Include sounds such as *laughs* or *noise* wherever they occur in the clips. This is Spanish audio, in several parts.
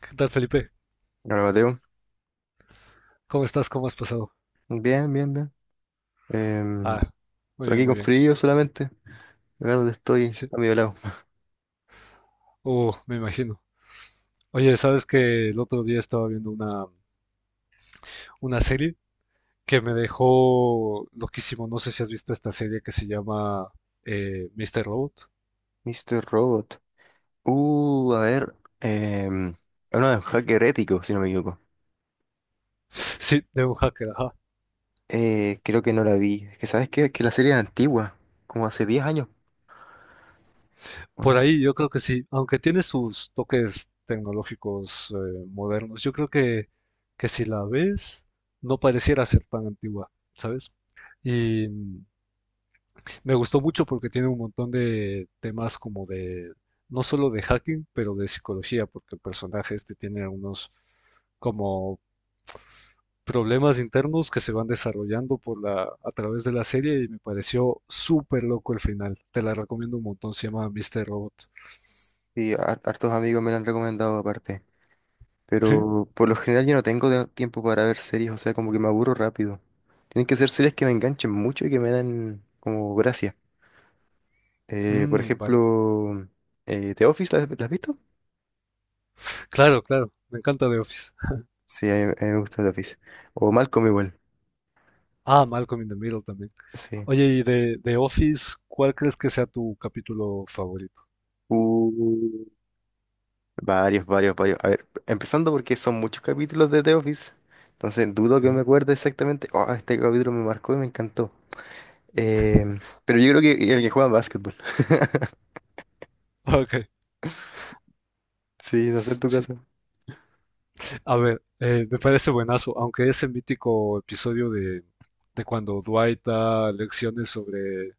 ¿Qué tal, Felipe? Hola, Mateo. ¿Cómo estás? ¿Cómo has pasado? Bien, bien, bien. Em, Ah, muy estoy bien, aquí muy con bien. frío solamente. Acá dónde estoy, Sí. a mi lado. Me imagino. Oye, ¿sabes que el otro día estaba viendo una serie que me dejó loquísimo? No sé si has visto esta serie que se llama Mr. Robot. Mr. Robot. A ver. Es uno de los hacker ético, si no me equivoco. Sí, de un hacker, ajá. Creo que no la vi. Es que, ¿sabes qué? Es que la serie es antigua. Como hace 10 años, ¿o Por no? ahí yo creo que sí, aunque tiene sus toques tecnológicos modernos, yo creo que si la ves, no pareciera ser tan antigua, ¿sabes? Y Me gustó mucho porque tiene un montón de temas como de, no solo de hacking, pero de psicología, porque el personaje este tiene unos como problemas internos que se van desarrollando por a través de la serie, y me pareció súper loco el final. Te la recomiendo un montón, se llama Mr. Robot. Sí, hartos amigos me la han recomendado aparte. ¿Sí? Pero por lo general yo no tengo tiempo para ver series. O sea, como que me aburro rápido. Tienen que ser series que me enganchen mucho y que me den como gracia. Por Mm, vale. ejemplo, The Office, la has visto? Claro, claro. Me encanta The Office. Sí, a mí me gusta The Office. O Malcolm igual, Ah, Malcolm in the Middle también. sí. Oye, y de Office, ¿cuál crees que sea tu capítulo favorito? Uh, Varios, varios, varios. A ver, empezando porque son muchos capítulos de The Office, entonces dudo que me Ujú. acuerde exactamente. Oh, este capítulo me marcó y me encantó. Em, *laughs* pero yo creo que el que juega básquetbol. *laughs* Ok, Sí, no sé en tu sí. caso. A ver, me parece buenazo, aunque ese mítico episodio de cuando Dwight da lecciones sobre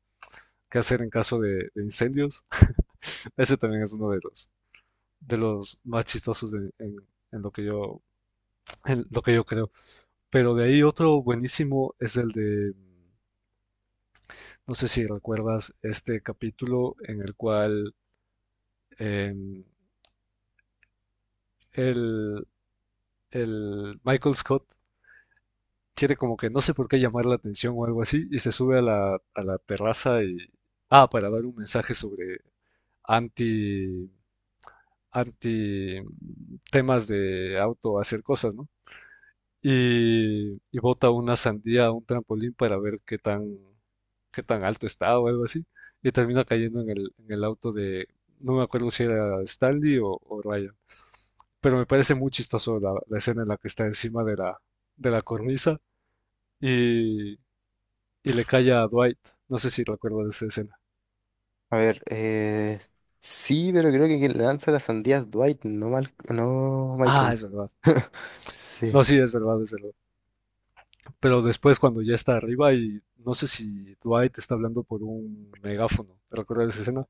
qué hacer en caso de incendios, *laughs* ese también es uno de de los más chistosos en lo que en lo que yo creo. Pero de ahí otro buenísimo es el no sé si recuerdas este capítulo en el cual em, el, el Michael Scott quiere como que no sé por qué llamar la atención o algo así, y se sube a a la terraza y... Ah, para dar un mensaje sobre anti, anti temas de auto hacer cosas, ¿no? Y bota una sandía a un trampolín para ver qué tan alto está o algo así. Y termina cayendo en el auto de, no me acuerdo si era Stanley o Ryan. Pero me parece muy chistoso la escena en la que está encima de de la cornisa y, y le cae a Dwight. No sé si recuerdo de esa escena. A ver, sí, pero creo que quien lanza las sandías es Dwight, no, no Ah, Michael. es verdad. *laughs* Sí. No, sí, es verdad, es verdad. Pero después cuando ya está arriba y no sé si Dwight está hablando por un megáfono. ¿Recuerdas esa escena?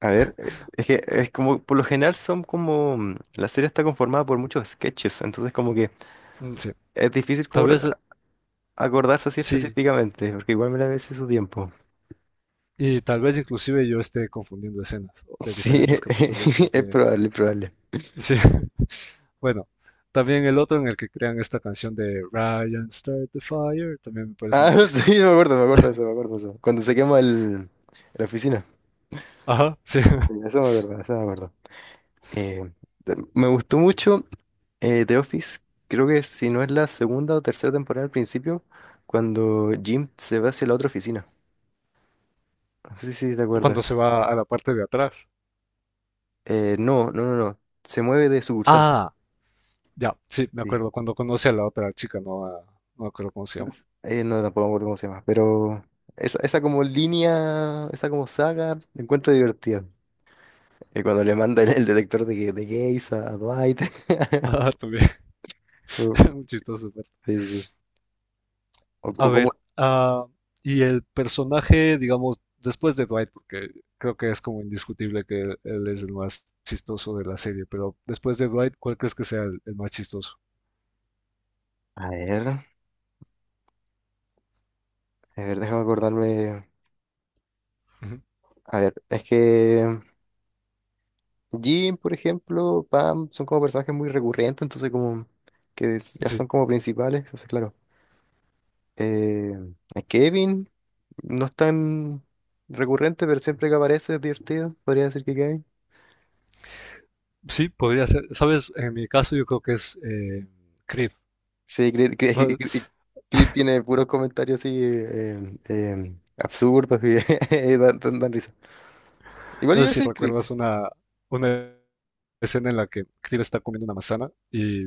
A ver, es que es como, por lo general son como, la serie está conformada por muchos sketches, entonces como que Mm, sí, es difícil tal como vez acordarse así sí. específicamente, porque igual me la vi hace su tiempo. Y tal vez inclusive yo esté confundiendo escenas de Sí, diferentes capítulos *laughs* es porque probable, es probable. sí. *laughs* Bueno, también el otro en el que crean esta canción de Ryan Start the Fire también me parece Ah, muy *laughs* sí, chistoso. Me acuerdo de eso, me *laughs* acuerdo de eso. Cuando se quema la oficina. Ajá, sí. Sí, *laughs* eso me acuerdo, eso me acuerdo. Eh, Me gustó mucho The Office, creo que si no es la segunda o tercera temporada al principio, cuando Jim se va hacia la otra oficina. No sé si te Cuando se acuerdas. va a la parte de atrás. No. Se mueve de sucursal. Ah, ya, sí, me Sí. acuerdo cuando conocí a la otra chica, no, A- no me acuerdo cómo se llama. No, tampoco me acuerdo cómo se llama. Pero esa como línea, esa como saga, la encuentro divertida. Cuando le manda el detector de, de gays a Dwight. *laughs* Ah, *laughs* también, Uh, *laughs* un chistoso. Pero- Sí, sí, sí. A O como... ver, ah, y el personaje, digamos, después de Dwight, porque creo que es como indiscutible que él es el más chistoso de la serie, pero después de Dwight, ¿cuál crees que sea el más chistoso? A ver, déjame acordarme. Ujú, A ver, es que Jim, por ejemplo, Pam, son como personajes muy recurrentes, entonces como que ya sí, son como principales. Entonces, claro. Eh, a Kevin no es tan recurrente, pero siempre que aparece es divertido. Podría decir que Kevin. sí, podría ser. Sabes, en mi caso yo creo que es Creed. Sí, Chris, No, Chris tiene puros comentarios así absurdos y *laughs* dan, dan risa. Igual no sé iba a si decir Chris. recuerdas una escena en la que Creed está comiendo una manzana y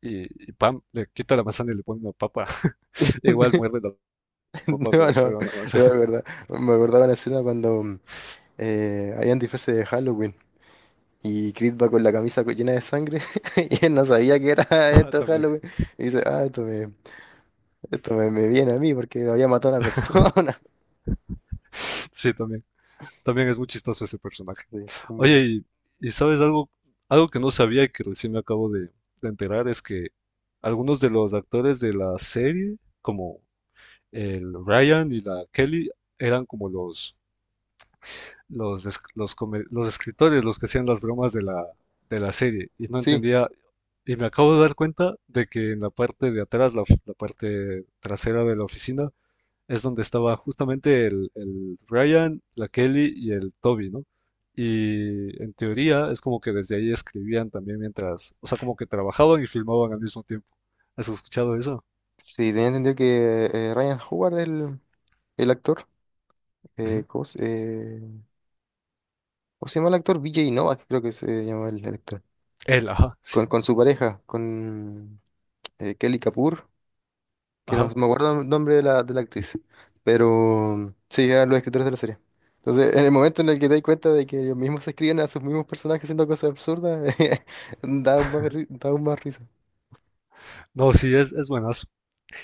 y, y pam, le quita la manzana y le pone una papa. *laughs* *laughs* Igual muerde la papa No, como si no, fuera una no manzana. me *laughs* acordaba. Me acordaba la escena cuando habían disfraces de Halloween y Creed va con la camisa llena de sangre *laughs* y él no sabía que era *laughs* Ah, esto también. Halloween. Y dice, ah, esto me, me viene a mí porque había matado a una persona. Sí, también. También es muy chistoso ese personaje. Sí, Oye, como... y sabes algo, algo que no sabía y que recién me acabo de enterar es que algunos de los actores de la serie, como el Ryan y la Kelly, eran como los los escritores, los que hacían las bromas de de la serie, y no Sí, entendía, y me acabo de dar cuenta de que en la parte de atrás, la parte trasera de la oficina, es donde estaba justamente el Ryan, la Kelly y el Toby, ¿no? Y en teoría es como que desde ahí escribían también mientras, o sea, como que trabajaban y filmaban al mismo tiempo. ¿Has escuchado eso? sí, tenía entendido que Ryan Howard, el actor, Ujú. eh, ¿cómo se, eh, ¿cómo se llama el actor? Vijay Novak, creo que se llama el actor. Él, ajá, sí, Con su pareja, con Kelly Kapoor, que no ajá. me acuerdo el nombre de de la actriz, pero sí, eran los escritores de la serie. Entonces, en el momento en el que te das cuenta de que ellos mismos se escriben a sus mismos personajes haciendo cosas absurdas, *laughs* da aún más, da aún más risa. No, sí, es buenazo.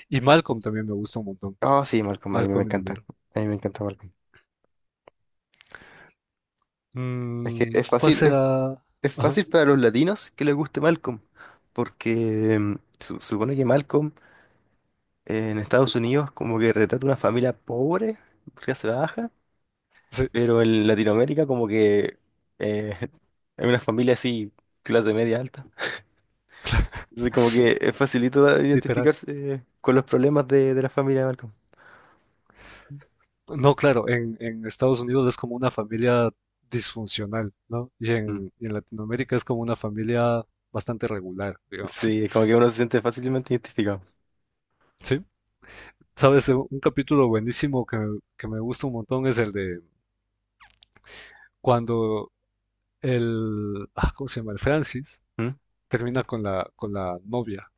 Y Malcolm también me gusta un montón. Oh, sí, Malcolm, a mí me Malcolm in the encanta. Middle. A mí me encanta Malcolm. Es que Mm, es ¿cuál fácil. será? Es Ajá, fácil para los latinos que les guste Malcolm, porque supone que Malcolm en Estados Unidos como que retrata una familia pobre, clase baja, sí, pero en Latinoamérica como que eh, *laughs* hay una familia así, clase media alta. Entonces como que es facilito literal. identificarse con los problemas de la familia de Malcolm. No, claro, en Estados Unidos es como una familia disfuncional, ¿no? Mm. Y en Latinoamérica es como una familia bastante regular, digamos. Sí, *laughs* como que uno se siente fácilmente identificado. Sí, sabes, un capítulo buenísimo que me gusta un montón es el de cuando el, ah, ¿cómo se llama? El Francis ¿Mm? termina con con la novia.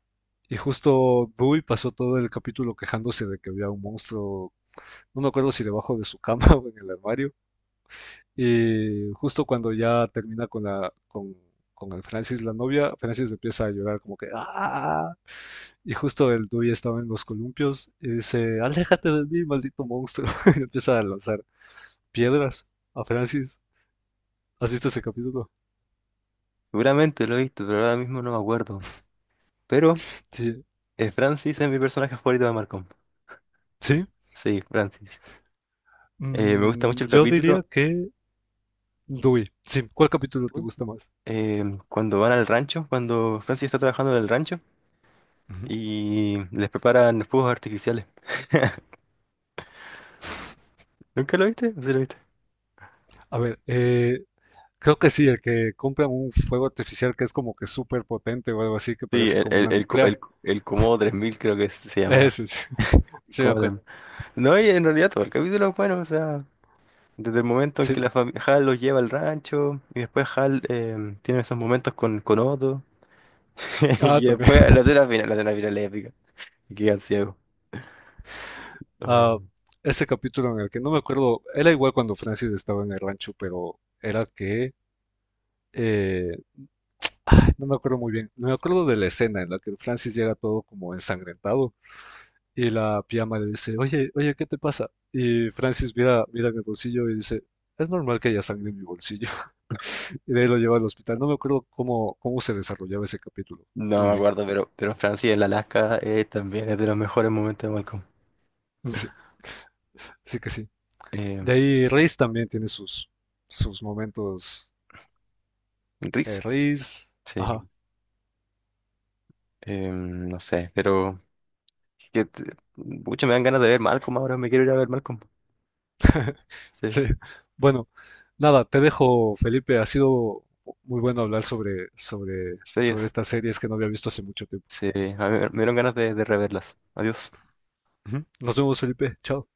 Y justo Dewey pasó todo el capítulo quejándose de que había un monstruo, no me acuerdo si debajo de su cama *laughs* o en el armario. Y justo cuando ya termina con con el Francis, la novia, Francis empieza a llorar como que, ¡ah! Y justo el Dewey estaba en los columpios y dice, aléjate de mí, maldito monstruo. *laughs* Y empieza a lanzar piedras a Francis. ¿Has visto ese capítulo? Seguramente lo he visto, pero ahora mismo no me acuerdo. Pero Sí. Francis es mi personaje favorito de Malcolm. ¿Sí? Sí, Francis. Me gusta Mm, mucho el yo diría capítulo que Dewey. Sí, ¿cuál capítulo te gusta más? eh, cuando van al rancho, cuando Francis está trabajando en el rancho Ujú. y les preparan fuegos artificiales. *laughs* ¿Nunca lo viste? ¿Sí lo viste? A ver, creo que sí, el que compra un fuego artificial que es como que súper potente o algo así, que Sí, parece como una nuclear. El Komodo 3000 creo que se llama. Ese, sí, *laughs* sí me Komodo acuerdo. 3000. No, y en realidad todo el capítulo es bueno, o sea, desde el momento en Sí, que la Hal los lleva al rancho y después Hal tiene esos momentos con Otto *laughs* ah, y también. después *laughs* la escena final es épica, y quedan ciegos. Ah, ese capítulo en el que no me acuerdo, era igual cuando Francis estaba en el rancho, pero era que eh, ay, no me acuerdo muy bien. No me acuerdo de la escena en la que Francis llega todo como ensangrentado y la pijama le dice, oye, oye, ¿qué te pasa? Y Francis mira en el bolsillo y dice, es normal que haya sangre en mi bolsillo. *laughs* Y de ahí lo lleva al hospital. No me acuerdo cómo se desarrollaba ese capítulo. No Muy me bien. acuerdo, pero Francia, el Alaska, también es de los mejores momentos de Malcolm. *laughs* Sí, sí que sí. Eh, De ahí Reis también tiene sus momentos. Reese, Riz. sí. Ajá. No sé, pero que te- pucha, me dan ganas de ver Malcolm ahora, me quiero ir a ver Malcolm. Sí, Sí. Bueno, nada, te dejo, Felipe. Ha sido muy bueno hablar sí, sobre es. estas series que no había visto hace mucho tiempo. Sí, a mí me me dieron ganas de reverlas. Adiós. Ujú. Nos vemos, Felipe. Chao.